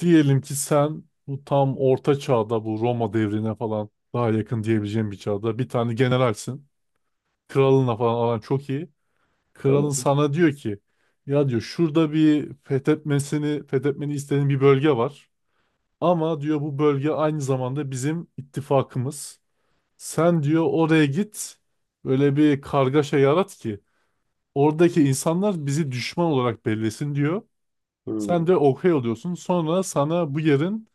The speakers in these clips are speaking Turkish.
Diyelim ki sen bu tam orta çağda bu Roma devrine falan daha yakın diyebileceğim bir çağda bir tane generalsin. Kralınla falan aran çok iyi. Kralın Tamam. sana diyor ki ya diyor şurada bir fethetmeni istediğin bir bölge var. Ama diyor bu bölge aynı zamanda bizim ittifakımız. Sen diyor oraya git böyle bir kargaşa yarat ki oradaki insanlar bizi düşman olarak bellesin diyor. Hmm. Sen de okey oluyorsun. Sonra sana bu yerin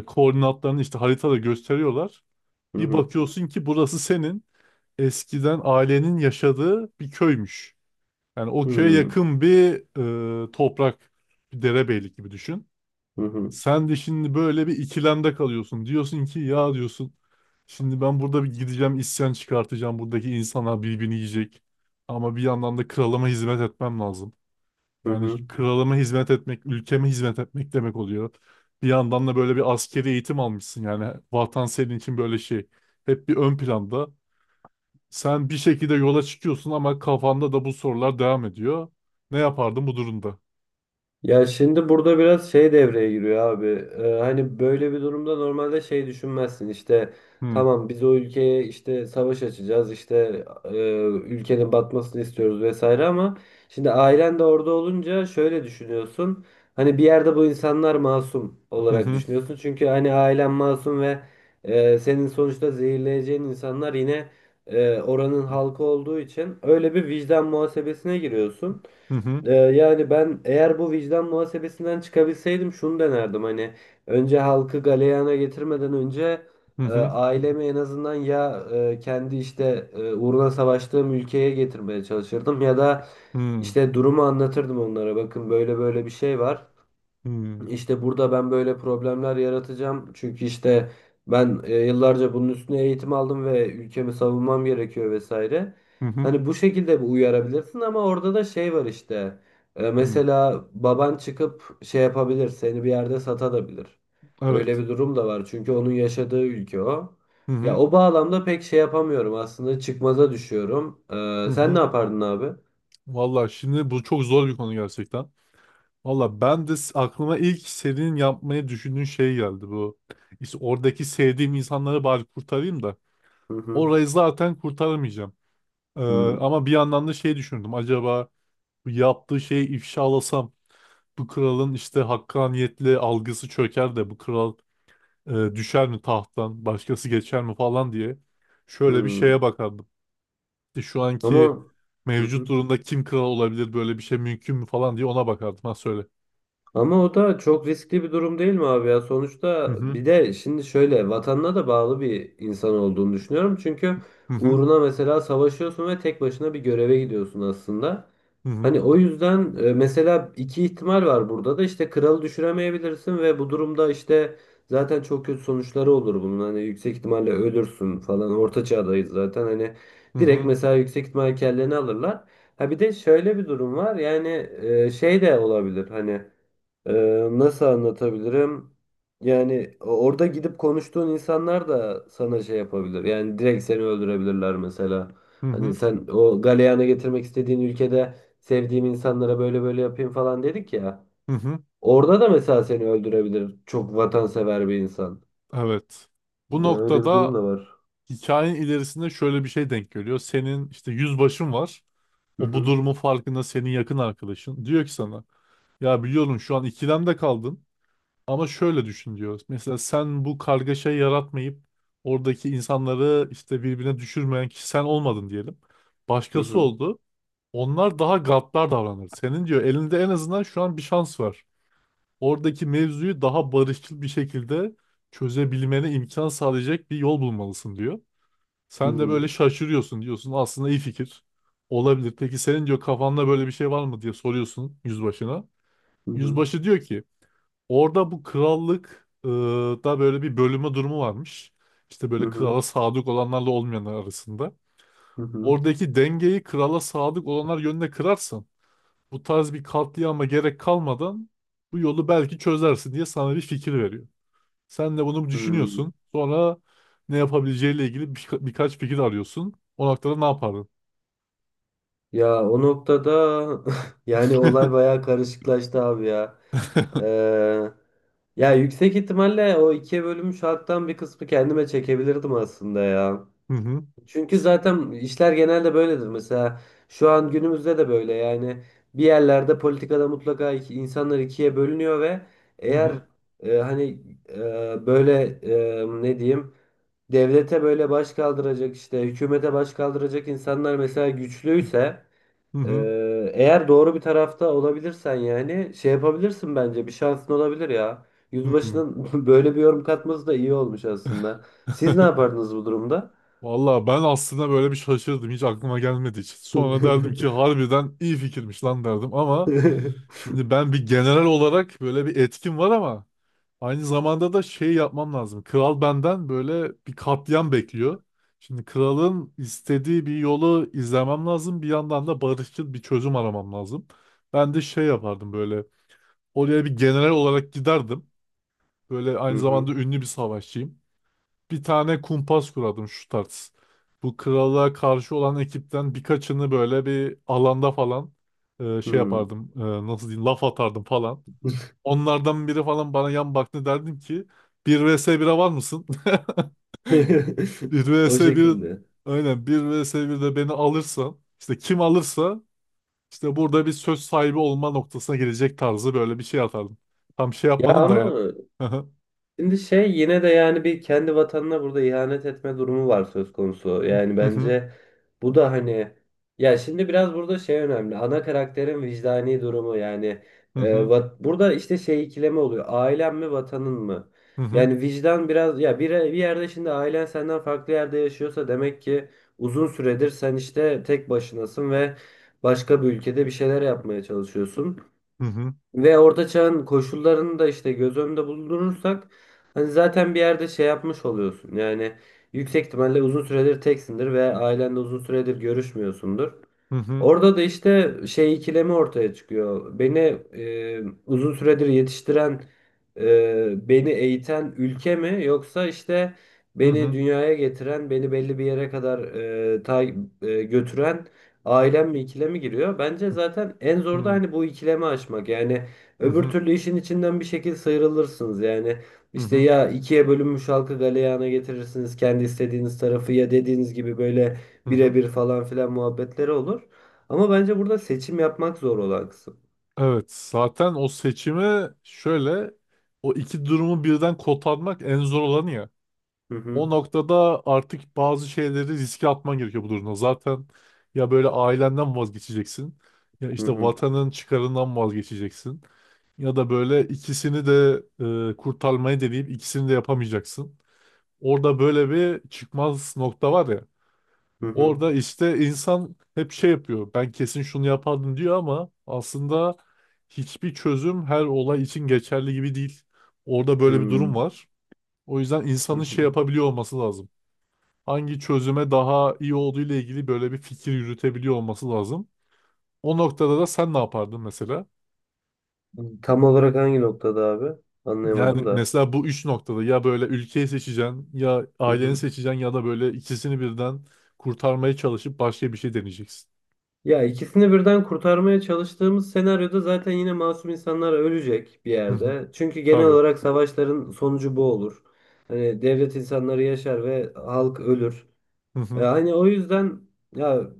koordinatlarını işte haritada gösteriyorlar. Hı Bir hı. bakıyorsun ki burası senin eskiden ailenin yaşadığı bir köymüş. Yani o köye Hmm. yakın bir toprak, bir derebeylik gibi düşün. Hı hı. Sen de şimdi böyle bir ikilemde kalıyorsun. Diyorsun ki ya diyorsun şimdi ben burada bir gideceğim, isyan çıkartacağım. Buradaki insanlar birbirini yiyecek. Ama bir yandan da kralıma hizmet etmem lazım. Hı Yani hı. kralıma hizmet etmek, ülkeme hizmet etmek demek oluyor. Bir yandan da böyle bir askeri eğitim almışsın yani. Vatan senin için böyle şey. Hep bir ön planda. Sen bir şekilde yola çıkıyorsun ama kafanda da bu sorular devam ediyor. Ne yapardın bu durumda? Ya şimdi burada biraz şey devreye giriyor abi. Hani böyle bir durumda normalde şey düşünmezsin işte Hmm. tamam biz o ülkeye işte savaş açacağız işte ülkenin batmasını istiyoruz vesaire ama şimdi ailen de orada olunca şöyle düşünüyorsun. Hani bir yerde bu insanlar masum Hı olarak hı düşünüyorsun. Çünkü hani ailen masum ve senin sonuçta zehirleyeceğin insanlar yine oranın halkı olduğu için öyle bir vicdan muhasebesine giriyorsun. hı hı Yani ben eğer bu vicdan muhasebesinden çıkabilseydim şunu denerdim hani önce halkı galeyana getirmeden önce hı hı ailemi en azından ya kendi işte uğruna savaştığım ülkeye getirmeye çalışırdım ya da hı işte durumu anlatırdım onlara bakın böyle böyle bir şey var. hı İşte burada ben böyle problemler yaratacağım. Çünkü işte ben yıllarca bunun üstüne eğitim aldım ve ülkemi savunmam gerekiyor vesaire. hı Hani bu şekilde bir uyarabilirsin ama orada da şey var işte. Hı. Mesela baban çıkıp şey yapabilir, seni bir yerde satabilir. Öyle Evet. bir durum da var. Çünkü onun yaşadığı ülke o. Hı Ya hı o bağlamda pek şey yapamıyorum aslında çıkmaza düşüyorum. hı Sen ne hı. yapardın abi? Vallahi şimdi bu çok zor bir konu gerçekten. Valla ben de aklıma ilk senin yapmayı düşündüğün şey geldi bu. İşte oradaki sevdiğim insanları bari kurtarayım da. Hı hı. Orayı zaten kurtaramayacağım. Ee, Hı ama bir yandan da şey düşündüm. Acaba bu yaptığı şeyi ifşalasam bu kralın işte hakkaniyetli algısı çöker de bu kral e, düşer mi tahttan, başkası geçer mi falan diye. Şöyle bir hı. şeye bakardım. İşte şu anki Ama Hı mevcut hı. durumda kim kral olabilir, böyle bir şey mümkün mü falan diye ona bakardım. Ha söyle. Ama o da çok riskli bir durum değil mi abi ya? Hı Sonuçta hı bir de şimdi şöyle vatanına da bağlı bir insan olduğunu düşünüyorum. Çünkü hı hı uğruna mesela savaşıyorsun ve tek başına bir göreve gidiyorsun aslında. hı hı. Hani o yüzden mesela iki ihtimal var burada da işte kralı düşüremeyebilirsin ve bu durumda işte zaten çok kötü sonuçları olur bunun. Hani yüksek ihtimalle ölürsün falan. Orta çağdayız zaten. Hani Hı direkt hı. mesela yüksek ihtimal kelleni alırlar. Ha bir de şöyle bir durum var. Yani şey de olabilir. Hani ee, nasıl anlatabilirim? Yani orada gidip konuştuğun insanlar da sana şey yapabilir. Yani direkt seni öldürebilirler mesela. Hı Hani hı, sen o galeyana getirmek istediğin ülkede sevdiğim insanlara böyle böyle yapayım falan dedik ya. hı hı. Orada da mesela seni öldürebilir. Çok vatansever bir insan. Evet. Bu Ya öyle bir noktada durum da var. hikayenin ilerisinde şöyle bir şey denk geliyor. Senin işte yüzbaşın var. Hı O bu hı. durumun farkında, senin yakın arkadaşın. Diyor ki sana ya biliyorum şu an ikilemde kaldın ama şöyle düşün diyor. Mesela sen bu kargaşayı yaratmayıp oradaki insanları işte birbirine düşürmeyen kişi sen olmadın diyelim. Hı Başkası hı. oldu. Onlar daha gaddar davranır. Senin diyor elinde en azından şu an bir şans var. Oradaki mevzuyu daha barışçıl bir şekilde çözebilmene imkan sağlayacak bir yol bulmalısın diyor. Hı Sen de böyle hı. şaşırıyorsun, diyorsun aslında iyi fikir olabilir. Peki senin diyor kafanda böyle bir şey var mı diye soruyorsun yüzbaşına. Hı hı. Yüzbaşı diyor ki orada bu krallık da böyle bir bölüme durumu varmış. İşte Hı böyle krala hı. sadık olanlarla olmayanlar arasında. Hı hı. Oradaki dengeyi krala sadık olanlar yönüne kırarsan bu tarz bir katliama gerek kalmadan bu yolu belki çözersin diye sana bir fikir veriyor. Sen de bunu Hı. düşünüyorsun. Sonra ne yapabileceğiyle ilgili birkaç fikir arıyorsun. O noktada ne yapardın? Ya o noktada yani olay bayağı karışıklaştı abi ya. Ee, ya yüksek ihtimalle o ikiye bölünmüş halktan bir kısmı kendime çekebilirdim aslında ya. Hı hı, Çünkü zaten işler genelde böyledir. Mesela şu an günümüzde de böyle yani bir yerlerde politikada mutlaka insanlar ikiye bölünüyor ve hı eğer hı, hani böyle ne diyeyim devlete böyle baş kaldıracak işte hükümete baş kaldıracak insanlar mesela güçlüyse hı hı, eğer doğru bir tarafta olabilirsen yani şey yapabilirsin bence bir şansın olabilir ya. hı hı. Yüzbaşının böyle bir yorum katması da iyi olmuş aslında. Siz ne yapardınız bu durumda? Valla ben aslında böyle bir şaşırdım. Hiç aklıma gelmedi hiç. Sonra derdim ki harbiden iyi fikirmiş lan derdim ama şimdi ben bir general olarak böyle bir etkim var ama aynı zamanda da şey yapmam lazım. Kral benden böyle bir katliam bekliyor. Şimdi kralın istediği bir yolu izlemem lazım. Bir yandan da barışçıl bir çözüm aramam lazım. Ben de şey yapardım böyle. Oraya bir general olarak giderdim. Böyle Hı aynı hı. zamanda ünlü bir savaşçıyım. Bir tane kumpas kurardım şu tarz. Bu krala karşı olan ekipten birkaçını böyle bir alanda falan şey Hmm. yapardım. Nasıl diyeyim, laf atardım falan. Onlardan biri falan bana yan baktı, derdim ki 1 vs 1'e var mısın? 1 O vs 1, şekilde. aynen, 1 vs birde beni alırsan işte kim alırsa işte burada bir söz sahibi olma noktasına gelecek tarzı böyle bir şey atardım. Tam şey Ya yapmadım da ama yani. Şimdi şey yine de yani bir kendi vatanına burada ihanet etme durumu var söz konusu. Hı Yani hı, hı bence bu da hani ya şimdi biraz burada şey önemli. Ana karakterin vicdani durumu yani hı, burada işte şey ikileme oluyor. Ailen mi vatanın mı? hı hı, Yani vicdan biraz ya bir yerde şimdi ailen senden farklı yerde yaşıyorsa demek ki uzun süredir sen işte tek başınasın ve başka bir ülkede bir şeyler yapmaya çalışıyorsun. hı hı, Ve orta çağın koşullarını da işte göz önünde bulundurursak hani zaten bir yerde şey yapmış oluyorsun. Yani yüksek ihtimalle uzun süredir teksindir ve ailenle uzun süredir görüşmüyorsundur. hı hı, Orada da işte şey ikilemi ortaya çıkıyor. Beni uzun süredir yetiştiren, beni eğiten ülke mi yoksa işte hı beni hı, dünyaya getiren, beni belli bir yere kadar e, ta- götüren ailem mi ikilemi giriyor. Bence zaten en hı zor da hı, hani bu ikilemi aşmak. Yani hı öbür hı, türlü işin içinden bir şekilde sıyrılırsınız. Yani hı işte hı, ya ikiye bölünmüş halkı galeyana getirirsiniz kendi istediğiniz tarafı ya dediğiniz gibi böyle hı hı. birebir falan filan muhabbetleri olur. Ama bence burada seçim yapmak zor olan kısım. Evet zaten o seçimi şöyle, o iki durumu birden kotarmak en zor olanı ya. Hı O hı. noktada artık bazı şeyleri riske atman gerekiyor bu durumda. Zaten ya böyle ailenden vazgeçeceksin, ya Hı işte hı. vatanın çıkarından vazgeçeceksin ya da böyle ikisini de kurtarmayı deneyip ikisini de yapamayacaksın. Orada böyle bir çıkmaz nokta var ya. Hı hı. Orada işte insan hep şey yapıyor. Ben kesin şunu yapardım diyor ama aslında hiçbir çözüm her olay için geçerli gibi değil. Orada böyle bir durum Hı var. O yüzden hı. insanın şey Hı. yapabiliyor olması lazım, hangi çözüme daha iyi olduğu ile ilgili böyle bir fikir yürütebiliyor olması lazım. O noktada da sen ne yapardın mesela? Tam olarak hangi noktada abi? Yani Anlayamadım da. mesela bu üç noktada ya böyle ülkeyi seçeceksin, ya Hı aileni hı. seçeceksin ya da böyle ikisini birden kurtarmaya çalışıp başka bir şey deneyeceksin. Ya ikisini birden kurtarmaya çalıştığımız senaryoda zaten yine masum insanlar ölecek bir Hı hı. yerde. Çünkü genel Tabii. olarak savaşların sonucu bu olur. Hani devlet insanları yaşar ve halk ölür. Hı hı. Hani o yüzden ya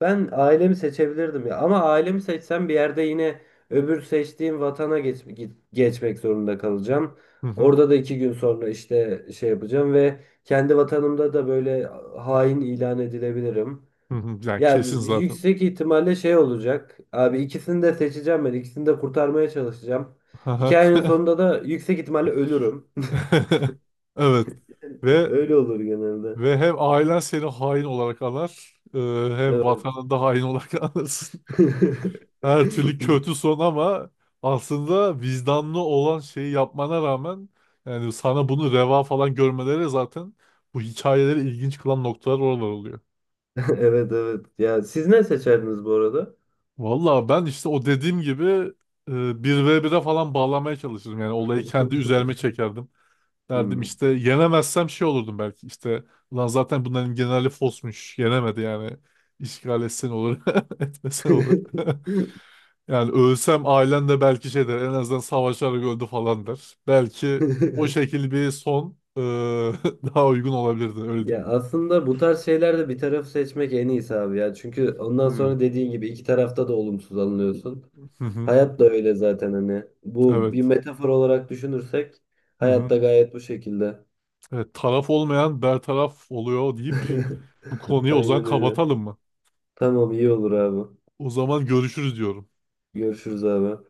ben ailemi seçebilirdim ya. Ama ailemi seçsem bir yerde yine öbür seçtiğim vatana geçmek zorunda kalacağım. Hı hı. Orada da iki gün sonra işte şey yapacağım ve kendi vatanımda da böyle hain ilan edilebilirim. Hı hı. Yani Ya kesin zaten. yüksek ihtimalle şey olacak. Abi ikisini de seçeceğim ben. İkisini de kurtarmaya çalışacağım. Hı hı. Hikayenin sonunda da yüksek ihtimalle ölürüm. Evet. Ve Öyle olur genelde. ve hem ailen seni hain olarak anar, hem Evet. vatanında hain olarak anırsın. Her türlü kötü son ama aslında vicdanlı olan şeyi yapmana rağmen, yani sana bunu reva falan görmeleri zaten bu hikayeleri ilginç kılan noktalar oralar oluyor. Evet, evet. Ya siz ne seçerdiniz bu arada? Valla ben işte o dediğim gibi bir ve bire falan bağlamaya çalışırdım. Yani olayı kendi üzerime çekerdim. Derdim Hmm. işte, yenemezsem şey olurdum belki, işte lan zaten bunların generali fosmuş yenemedi yani, işgal etsen olur etmesen olur. Yani ölsem ailen de belki şey der, en azından savaşarak öldü falan der. Belki o şekil bir son daha uygun olabilirdi öyle Ya diyeyim. aslında bu tarz şeylerde bir taraf seçmek en iyisi abi ya. Çünkü ondan Hmm. sonra dediğin gibi iki tarafta da olumsuz alınıyorsun. Hı hı. Hayat da öyle zaten hani. Bu bir Evet. metafor olarak düşünürsek Hı hayat hı. da gayet bu şekilde. Evet, taraf olmayan bertaraf oluyor deyip bu konuyu o zaman Aynen öyle. kapatalım mı? Tamam, iyi olur abi. O zaman görüşürüz diyorum. Görüşürüz abi.